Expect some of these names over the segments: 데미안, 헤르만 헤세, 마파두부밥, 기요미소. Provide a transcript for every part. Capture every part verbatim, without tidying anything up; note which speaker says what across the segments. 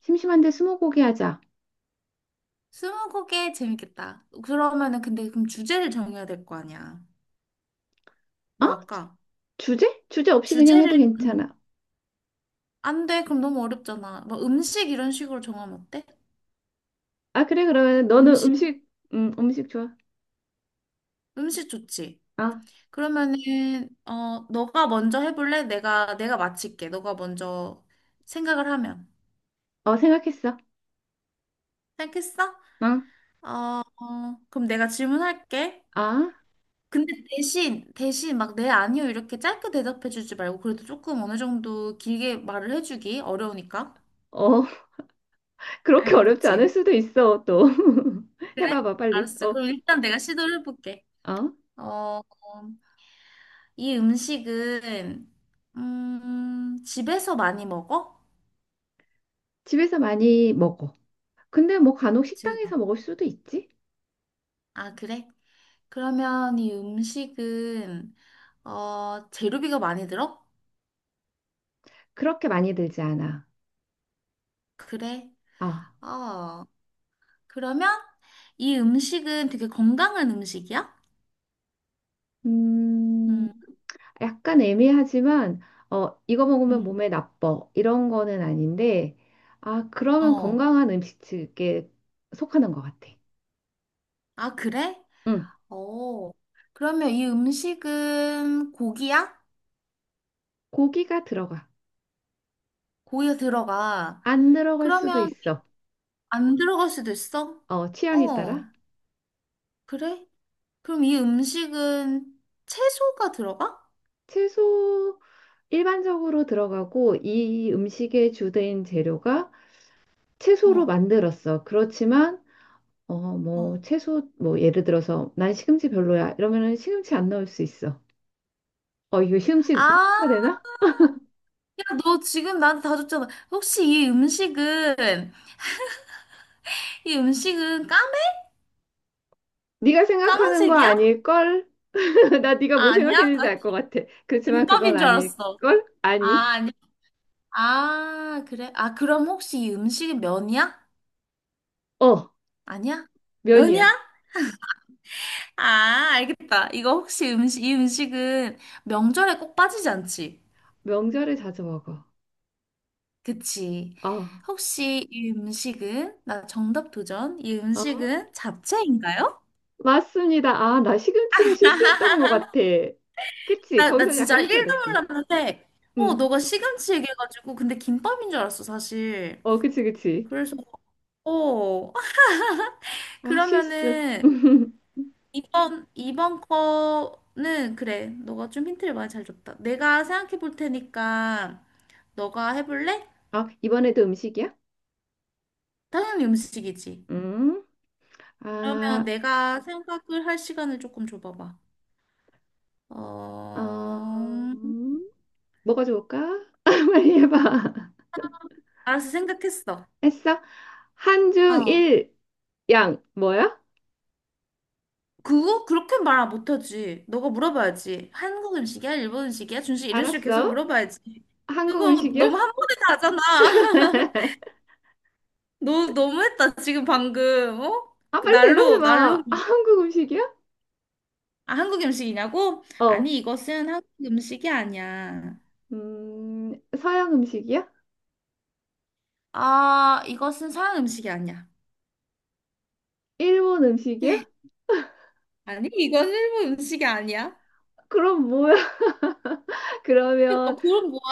Speaker 1: 심심한데 스무고개 하자.
Speaker 2: 스무고개 재밌겠다. 그러면은 근데 그럼 주제를 정해야 될 거 아니야.
Speaker 1: 어?
Speaker 2: 뭐 할까?
Speaker 1: 주제? 주제 없이 그냥 해도
Speaker 2: 주제를 음,
Speaker 1: 괜찮아.
Speaker 2: 안 돼. 그럼 너무 어렵잖아. 뭐 음식 이런 식으로 정하면 어때?
Speaker 1: 아, 그래, 그러면 너는
Speaker 2: 음식
Speaker 1: 음식, 음, 음식 좋아.
Speaker 2: 음식 좋지.
Speaker 1: 아,
Speaker 2: 그러면은 어 너가 먼저 해볼래? 내가 내가 맞힐게. 너가 먼저 생각을 하면,
Speaker 1: 어, 생각했어.
Speaker 2: 생각했어?
Speaker 1: 어,
Speaker 2: 어, 어, 그럼 내가 질문할게.
Speaker 1: 아,
Speaker 2: 근데 대신 대신 막 네 아니요 이렇게 짧게 대답해주지 말고 그래도 조금 어느 정도 길게 말을 해주기 어려우니까.
Speaker 1: 어, 그렇게 어렵지 않을
Speaker 2: 알겠지.
Speaker 1: 수도 있어, 또.
Speaker 2: 그래?
Speaker 1: 해봐봐, 빨리.
Speaker 2: 알았어.
Speaker 1: 어,
Speaker 2: 그럼 일단 내가 시도를 해볼게.
Speaker 1: 어,
Speaker 2: 어, 이 음식은, 음, 집에서 많이 먹어?
Speaker 1: 집에서 많이 먹어. 근데 뭐 간혹
Speaker 2: 집에서.
Speaker 1: 식당에서 먹을 수도 있지?
Speaker 2: 아, 그래? 그러면 이 음식은, 어, 재료비가 많이 들어?
Speaker 1: 그렇게 많이 들지 않아.
Speaker 2: 그래.
Speaker 1: 아,
Speaker 2: 어, 그러면 이 음식은 되게 건강한 음식이야?
Speaker 1: 음,
Speaker 2: 음,
Speaker 1: 약간 애매하지만 어, 이거 먹으면
Speaker 2: 음,
Speaker 1: 몸에 나빠 이런 거는 아닌데 아 그러면
Speaker 2: 어.
Speaker 1: 건강한 음식에 속하는 것 같아.
Speaker 2: 아, 그래?
Speaker 1: 응,
Speaker 2: 어. 그러면 이 음식은 고기야?
Speaker 1: 고기가 들어가.
Speaker 2: 고기가 들어가.
Speaker 1: 안 들어갈 수도
Speaker 2: 그러면
Speaker 1: 있어.
Speaker 2: 안 들어갈 수도 있어?
Speaker 1: 어, 취향에 따라
Speaker 2: 어, 그래? 그럼 이 음식은 채소가 들어가?
Speaker 1: 채소 일반적으로 들어가고 이 음식의 주된 재료가 채소로
Speaker 2: 어,
Speaker 1: 만들었어. 그렇지만 어,
Speaker 2: 어.
Speaker 1: 뭐 채소 뭐 예를 들어서 난 시금치 별로야 이러면은 시금치 안 넣을 수 있어. 어, 이거 시금치
Speaker 2: 아,
Speaker 1: 힌트가 되나?
Speaker 2: 야, 너 지금 나한테 다 줬잖아. 혹시 이 음식은, 이 음식은 까매?
Speaker 1: 네가 생각하는 거
Speaker 2: 까만색이야?
Speaker 1: 아닐걸? 나 네가
Speaker 2: 아,
Speaker 1: 뭐
Speaker 2: 아니야?
Speaker 1: 생각했는지
Speaker 2: 아,
Speaker 1: 알 것 같아. 그렇지만 그건
Speaker 2: 김밥인 줄 알았어.
Speaker 1: 아닐걸?
Speaker 2: 아,
Speaker 1: 아니.
Speaker 2: 아니야. 아, 그래? 아, 그럼 혹시 이 음식은 면이야?
Speaker 1: 어,
Speaker 2: 아니야? 면이야?
Speaker 1: 면이야.
Speaker 2: 아, 알겠다. 이거 혹시 음식, 이 음식은 명절에 꼭 빠지지 않지?
Speaker 1: 명절에 자주 먹어.
Speaker 2: 그치.
Speaker 1: 아,
Speaker 2: 혹시 이 음식은, 나 정답 도전, 이
Speaker 1: 아,
Speaker 2: 음식은 잡채인가요?
Speaker 1: 맞습니다. 아, 나 시금치가 실수였던 것 같아. 그치?
Speaker 2: 나, 나
Speaker 1: 거기서
Speaker 2: 진짜
Speaker 1: 약간 힌트
Speaker 2: 일도
Speaker 1: 얻었지?
Speaker 2: 몰랐는데, 어,
Speaker 1: 응.
Speaker 2: 너가 시금치 얘기해가지고, 근데 김밥인 줄 알았어, 사실.
Speaker 1: 어, 그치, 그치.
Speaker 2: 그래서, 어,
Speaker 1: 아, 실수.
Speaker 2: 그러면은, 이번, 이번 거는, 그래, 너가 좀 힌트를 많이 잘 줬다. 내가 생각해 볼 테니까, 너가 해볼래?
Speaker 1: 아, 이번에도 음식이야?
Speaker 2: 당연히 음식이지.
Speaker 1: 음.
Speaker 2: 그러면
Speaker 1: 아,
Speaker 2: 내가 생각을 할 시간을 조금 줘봐봐. 어...
Speaker 1: 어, 음, 뭐가 좋을까? 빨리 해봐.
Speaker 2: 알았어, 생각했어.
Speaker 1: 했어? 한중
Speaker 2: 어.
Speaker 1: 일양 뭐야?
Speaker 2: 그거 그렇게 말 못하지. 너가 물어봐야지. 한국 음식이야? 일본 음식이야? 준식 이런 식으로 계속
Speaker 1: 알았어.
Speaker 2: 물어봐야지.
Speaker 1: 한국
Speaker 2: 그거
Speaker 1: 음식이야?
Speaker 2: 너무 한 번에 다 하잖아. 너 너무했다 지금 방금. 어?
Speaker 1: 아,
Speaker 2: 그
Speaker 1: 빨리
Speaker 2: 날로 날로
Speaker 1: 대답해봐. 아,
Speaker 2: 뭐,
Speaker 1: 한국 음식이야?
Speaker 2: 아, 한국 음식이냐고?
Speaker 1: 어.
Speaker 2: 아니 이것은 한국 음식이 아니야.
Speaker 1: 음, 서양 음식이야?
Speaker 2: 아 이것은 서양 음식이 아니야.
Speaker 1: 일본 음식이야?
Speaker 2: 아니 이건 일본 음식이 아니야.
Speaker 1: 그럼 뭐야?
Speaker 2: 그러니까
Speaker 1: 그러면
Speaker 2: 그건 뭐야?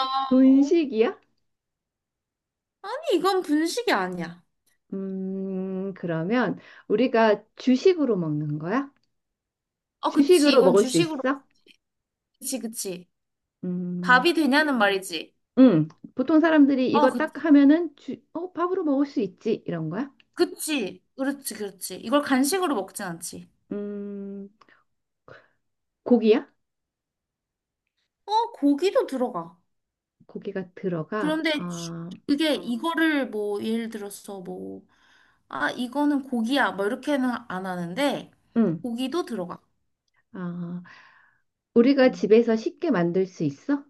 Speaker 2: 어?
Speaker 1: 분식이야?
Speaker 2: 아니 이건 분식이 아니야.
Speaker 1: 음, 그러면 우리가 주식으로 먹는 거야?
Speaker 2: 어 그치
Speaker 1: 주식으로
Speaker 2: 이건
Speaker 1: 먹을 수
Speaker 2: 주식으로.
Speaker 1: 있어?
Speaker 2: 그치 그치.
Speaker 1: 음,
Speaker 2: 밥이 되냐는 말이지.
Speaker 1: 음, 보통 사람들이
Speaker 2: 어,
Speaker 1: 이거 딱
Speaker 2: 그치.
Speaker 1: 하면은 주, 어, 밥으로 먹을 수 있지. 이런 거야?
Speaker 2: 그치. 그렇지, 그렇지. 이걸 간식으로 먹진 않지.
Speaker 1: 음, 고기야?
Speaker 2: 어, 고기도 들어가.
Speaker 1: 고기가 들어가.
Speaker 2: 그런데 주-
Speaker 1: 아,
Speaker 2: 그게 이거를 뭐, 예를 들어서 뭐, 아, 이거는 고기야. 뭐, 이렇게는 안 하는데,
Speaker 1: 응.
Speaker 2: 고기도 들어가.
Speaker 1: 아, 우리가
Speaker 2: 음.
Speaker 1: 집에서 쉽게 만들 수 있어?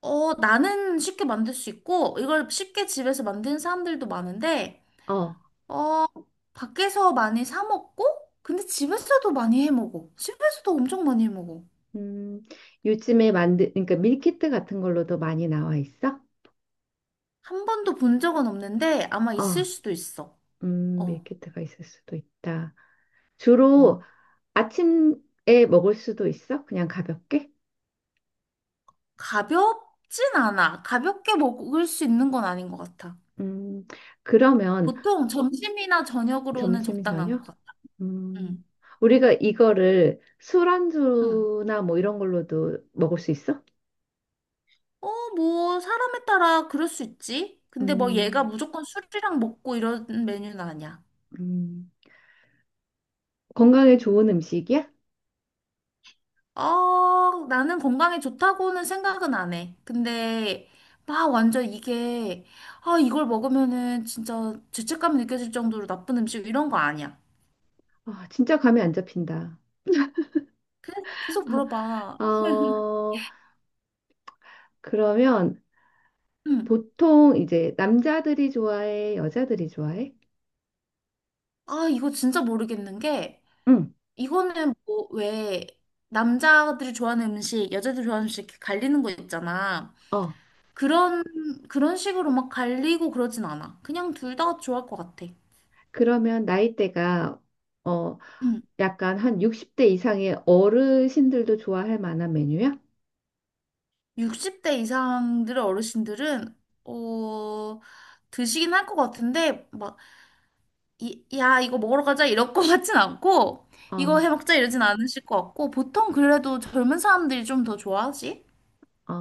Speaker 2: 어, 나는 쉽게 만들 수 있고, 이걸 쉽게 집에서 만드는 사람들도 많은데,
Speaker 1: 어.
Speaker 2: 어, 밖에서 많이 사 먹고, 근데 집에서도 많이 해 먹어. 집에서도 엄청 많이 해 먹어.
Speaker 1: 음, 요즘에 만드, 그러니까 밀키트 같은 걸로도 많이 나와 있어?
Speaker 2: 한 번도 본 적은 없는데 아마 있을
Speaker 1: 어.
Speaker 2: 수도 있어.
Speaker 1: 음,
Speaker 2: 어,
Speaker 1: 밀키트가 있을 수도 있다. 주로
Speaker 2: 어.
Speaker 1: 아침에 먹을 수도 있어? 그냥 가볍게?
Speaker 2: 가볍진 않아. 가볍게 먹을 수 있는 건 아닌 것 같아.
Speaker 1: 음, 그러면
Speaker 2: 보통 점심이나 저녁으로는
Speaker 1: 점심
Speaker 2: 적당한
Speaker 1: 저녁?
Speaker 2: 것 같아. 응,
Speaker 1: 음, 우리가 이거를
Speaker 2: 응.
Speaker 1: 술안주나 뭐 이런 걸로도 먹을 수 있어?
Speaker 2: 어, 뭐 사람에 따라 그럴 수 있지. 근데 뭐 얘가
Speaker 1: 음,
Speaker 2: 무조건 술이랑 먹고 이런 메뉴는 아니야.
Speaker 1: 음. 건강에 좋은 음식이야?
Speaker 2: 어, 나는 건강에 좋다고는 생각은 안 해. 근데 막 완전 이게 아, 이걸 먹으면은 진짜 죄책감이 느껴질 정도로 나쁜 음식 이런 거 아니야.
Speaker 1: 아, 진짜 감이 안 잡힌다.
Speaker 2: 계속 물어봐.
Speaker 1: 아, 어, 그러면
Speaker 2: 응.
Speaker 1: 보통 이제 남자들이 좋아해, 여자들이 좋아해?
Speaker 2: 아, 이거 진짜 모르겠는 게,
Speaker 1: 응.
Speaker 2: 이거는 뭐, 왜, 남자들이 좋아하는 음식, 여자들이 좋아하는 음식 이렇게 갈리는 거 있잖아.
Speaker 1: 어,
Speaker 2: 그런, 그런 식으로 막 갈리고 그러진 않아. 그냥 둘 다 좋아할 것 같아.
Speaker 1: 그러면 나이대가 어,
Speaker 2: 응.
Speaker 1: 약간 한 육십 대 이상의 어르신들도 좋아할 만한 메뉴야?
Speaker 2: 육십 대 이상들의 어르신들은, 어, 드시긴 할 것 같은데, 막, 이, 야, 이거 먹으러 가자, 이럴 것 같진 않고,
Speaker 1: 어,
Speaker 2: 이거 해 먹자, 이러진 않으실 것 같고, 보통 그래도 젊은 사람들이 좀 더 좋아하지?
Speaker 1: 어,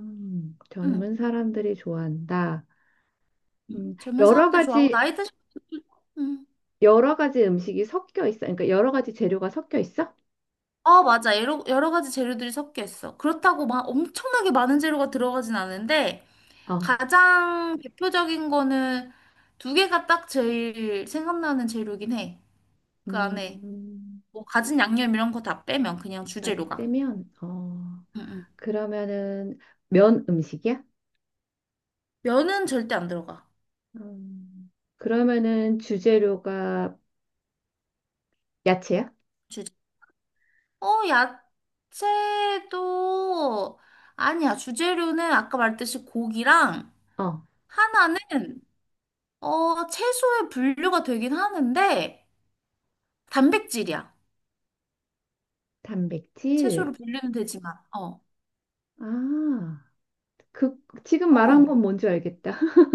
Speaker 1: 음,
Speaker 2: 응.
Speaker 1: 젊은 사람들이 좋아한다. 음,
Speaker 2: 젊은
Speaker 1: 여러
Speaker 2: 사람들 좋아하고
Speaker 1: 가지,
Speaker 2: 나이 드신. 음.
Speaker 1: 여러 가지 음식이 섞여 있어. 그러니까 여러 가지 재료가 섞여 있어?
Speaker 2: 어 맞아 여러, 여러 가지 재료들이 섞여 있어. 그렇다고 막 엄청나게 많은 재료가 들어가진 않은데
Speaker 1: 어,
Speaker 2: 가장 대표적인 거는 두 개가 딱 제일 생각나는 재료긴 해. 그 안에
Speaker 1: 음,
Speaker 2: 뭐 가진 양념 이런 거 다 빼면 그냥
Speaker 1: 가장
Speaker 2: 주재료가,
Speaker 1: 빼면 어
Speaker 2: 응, 응.
Speaker 1: 그러면은 면 음식이야?
Speaker 2: 면은 절대 안 들어가.
Speaker 1: 음, 그러면은 주재료가 야채야?
Speaker 2: 주재 어 야채도 아니야. 주재료는 아까 말했듯이 고기랑
Speaker 1: 어
Speaker 2: 하나는 어, 채소에 분류가 되긴 하는데, 단백질이야. 채소로
Speaker 1: 단백질
Speaker 2: 분류는 되지만, 어,
Speaker 1: 아 그 지금 말한
Speaker 2: 어.
Speaker 1: 건 뭔지 알겠다.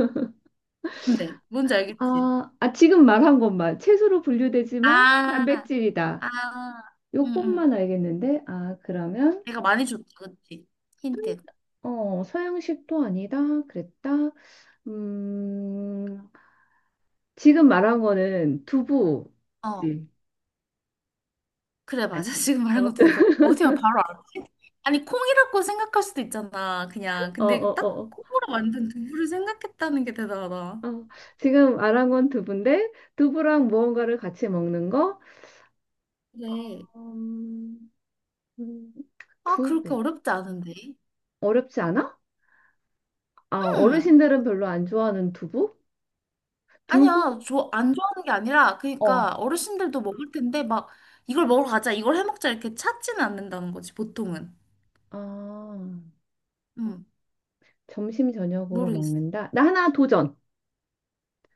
Speaker 2: 근데, 뭔지 알겠지?
Speaker 1: 아, 아 지금 말한 것만 채소로 분류되지만
Speaker 2: 아,
Speaker 1: 단백질이다.
Speaker 2: 아, 응, 응.
Speaker 1: 요것만 알겠는데 아 그러면
Speaker 2: 내가 많이 줬다, 그치? 힌트.
Speaker 1: 어 서양식도 아니다 그랬다. 음 지금 말한 거는
Speaker 2: 어,
Speaker 1: 두부지
Speaker 2: 그래, 맞아.
Speaker 1: 아니야?
Speaker 2: 지금 말한 거
Speaker 1: 어
Speaker 2: 누구야? 어디야, 바로 알지? 아니, 콩이라고 생각할 수도 있잖아, 그냥.
Speaker 1: 어,
Speaker 2: 근데
Speaker 1: 어,
Speaker 2: 딱
Speaker 1: 어.
Speaker 2: 콩으로 만든 두부를 생각했다는 게 대단하다.
Speaker 1: 어, 어. 지금 알아본 건 두부인데, 두부랑 무언가를 같이 먹는 거?
Speaker 2: 그래.
Speaker 1: 음, 음,
Speaker 2: 아, 그렇게
Speaker 1: 두부.
Speaker 2: 어렵지 않은데.
Speaker 1: 어렵지 않아? 아,
Speaker 2: 응.
Speaker 1: 어르신들은 별로 안 좋아하는 두부? 두부?
Speaker 2: 아니야, 저 안 좋아하는 게 아니라,
Speaker 1: 어.
Speaker 2: 그러니까 어르신들도 먹을 텐데, 막, 이걸 먹으러 가자, 이걸 해 먹자, 이렇게 찾지는 않는다는 거지, 보통은.
Speaker 1: 아,
Speaker 2: 응,
Speaker 1: 점심, 저녁으로
Speaker 2: 모르겠어.
Speaker 1: 먹는다? 나 하나 도전.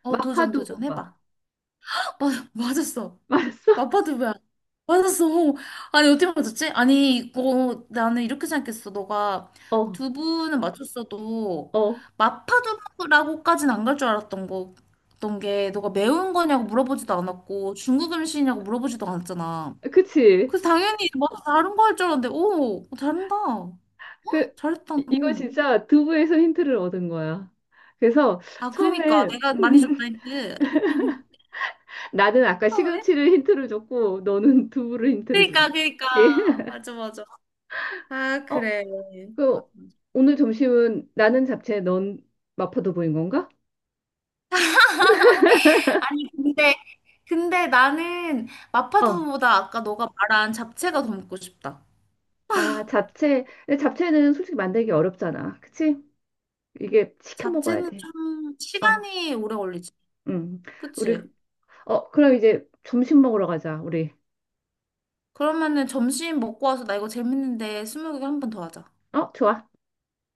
Speaker 2: 어, 도전, 도전,
Speaker 1: 마파두부밥.
Speaker 2: 해봐. 맞, 맞았어.
Speaker 1: 맞았어?
Speaker 2: 맞봐도 왜? 안- 맞았어. 아니, 어떻게 맞았지? 아니, 이거, 나는 이렇게 생각했어. 너가
Speaker 1: 어,
Speaker 2: 두부는 맞췄어도,
Speaker 1: 어.
Speaker 2: 마파두부라고까지는 안 갈 줄 알았던 거, 어떤 게 너가 매운 거냐고 물어보지도 않았고 중국 음식이냐고 물어보지도 않았잖아.
Speaker 1: 그치?
Speaker 2: 그 당연히 뭐 다른 거 할 줄 알았는데 오 잘한다
Speaker 1: 그,
Speaker 2: 잘했다
Speaker 1: 이- 이거
Speaker 2: 너.
Speaker 1: 진짜 두부에서 힌트를 얻은 거야. 그래서
Speaker 2: 아 그니까
Speaker 1: 처음에,
Speaker 2: 내가 많이
Speaker 1: 음,
Speaker 2: 줬다
Speaker 1: 음,
Speaker 2: 했지.
Speaker 1: 나는 아까
Speaker 2: 아, 왜?
Speaker 1: 시금치를 힌트를 줬고 너는 두부를 힌트를 준
Speaker 2: 그니까
Speaker 1: 거야.
Speaker 2: 그니까
Speaker 1: 예.
Speaker 2: 맞아 맞아. 아
Speaker 1: 어,
Speaker 2: 그래.
Speaker 1: 그
Speaker 2: 맞아.
Speaker 1: 오늘 점심은 나는 잡채, 넌 마파도 보인 건가?
Speaker 2: 아니 근데 근데 나는
Speaker 1: 어.
Speaker 2: 마파두부보다 아까 너가 말한 잡채가 더 먹고 싶다.
Speaker 1: 아, 잡채. 근데 잡채는 솔직히 만들기 어렵잖아. 그치? 이게 시켜 먹어야
Speaker 2: 잡채는
Speaker 1: 돼.
Speaker 2: 좀
Speaker 1: 어.
Speaker 2: 시간이 오래 걸리지.
Speaker 1: 음. 우리
Speaker 2: 그치?
Speaker 1: 어, 그럼 이제 점심 먹으러 가자. 우리.
Speaker 2: 그러면은 점심 먹고 와서 나 이거 재밌는데 스무고개 한 번 더 하자.
Speaker 1: 어, 좋아.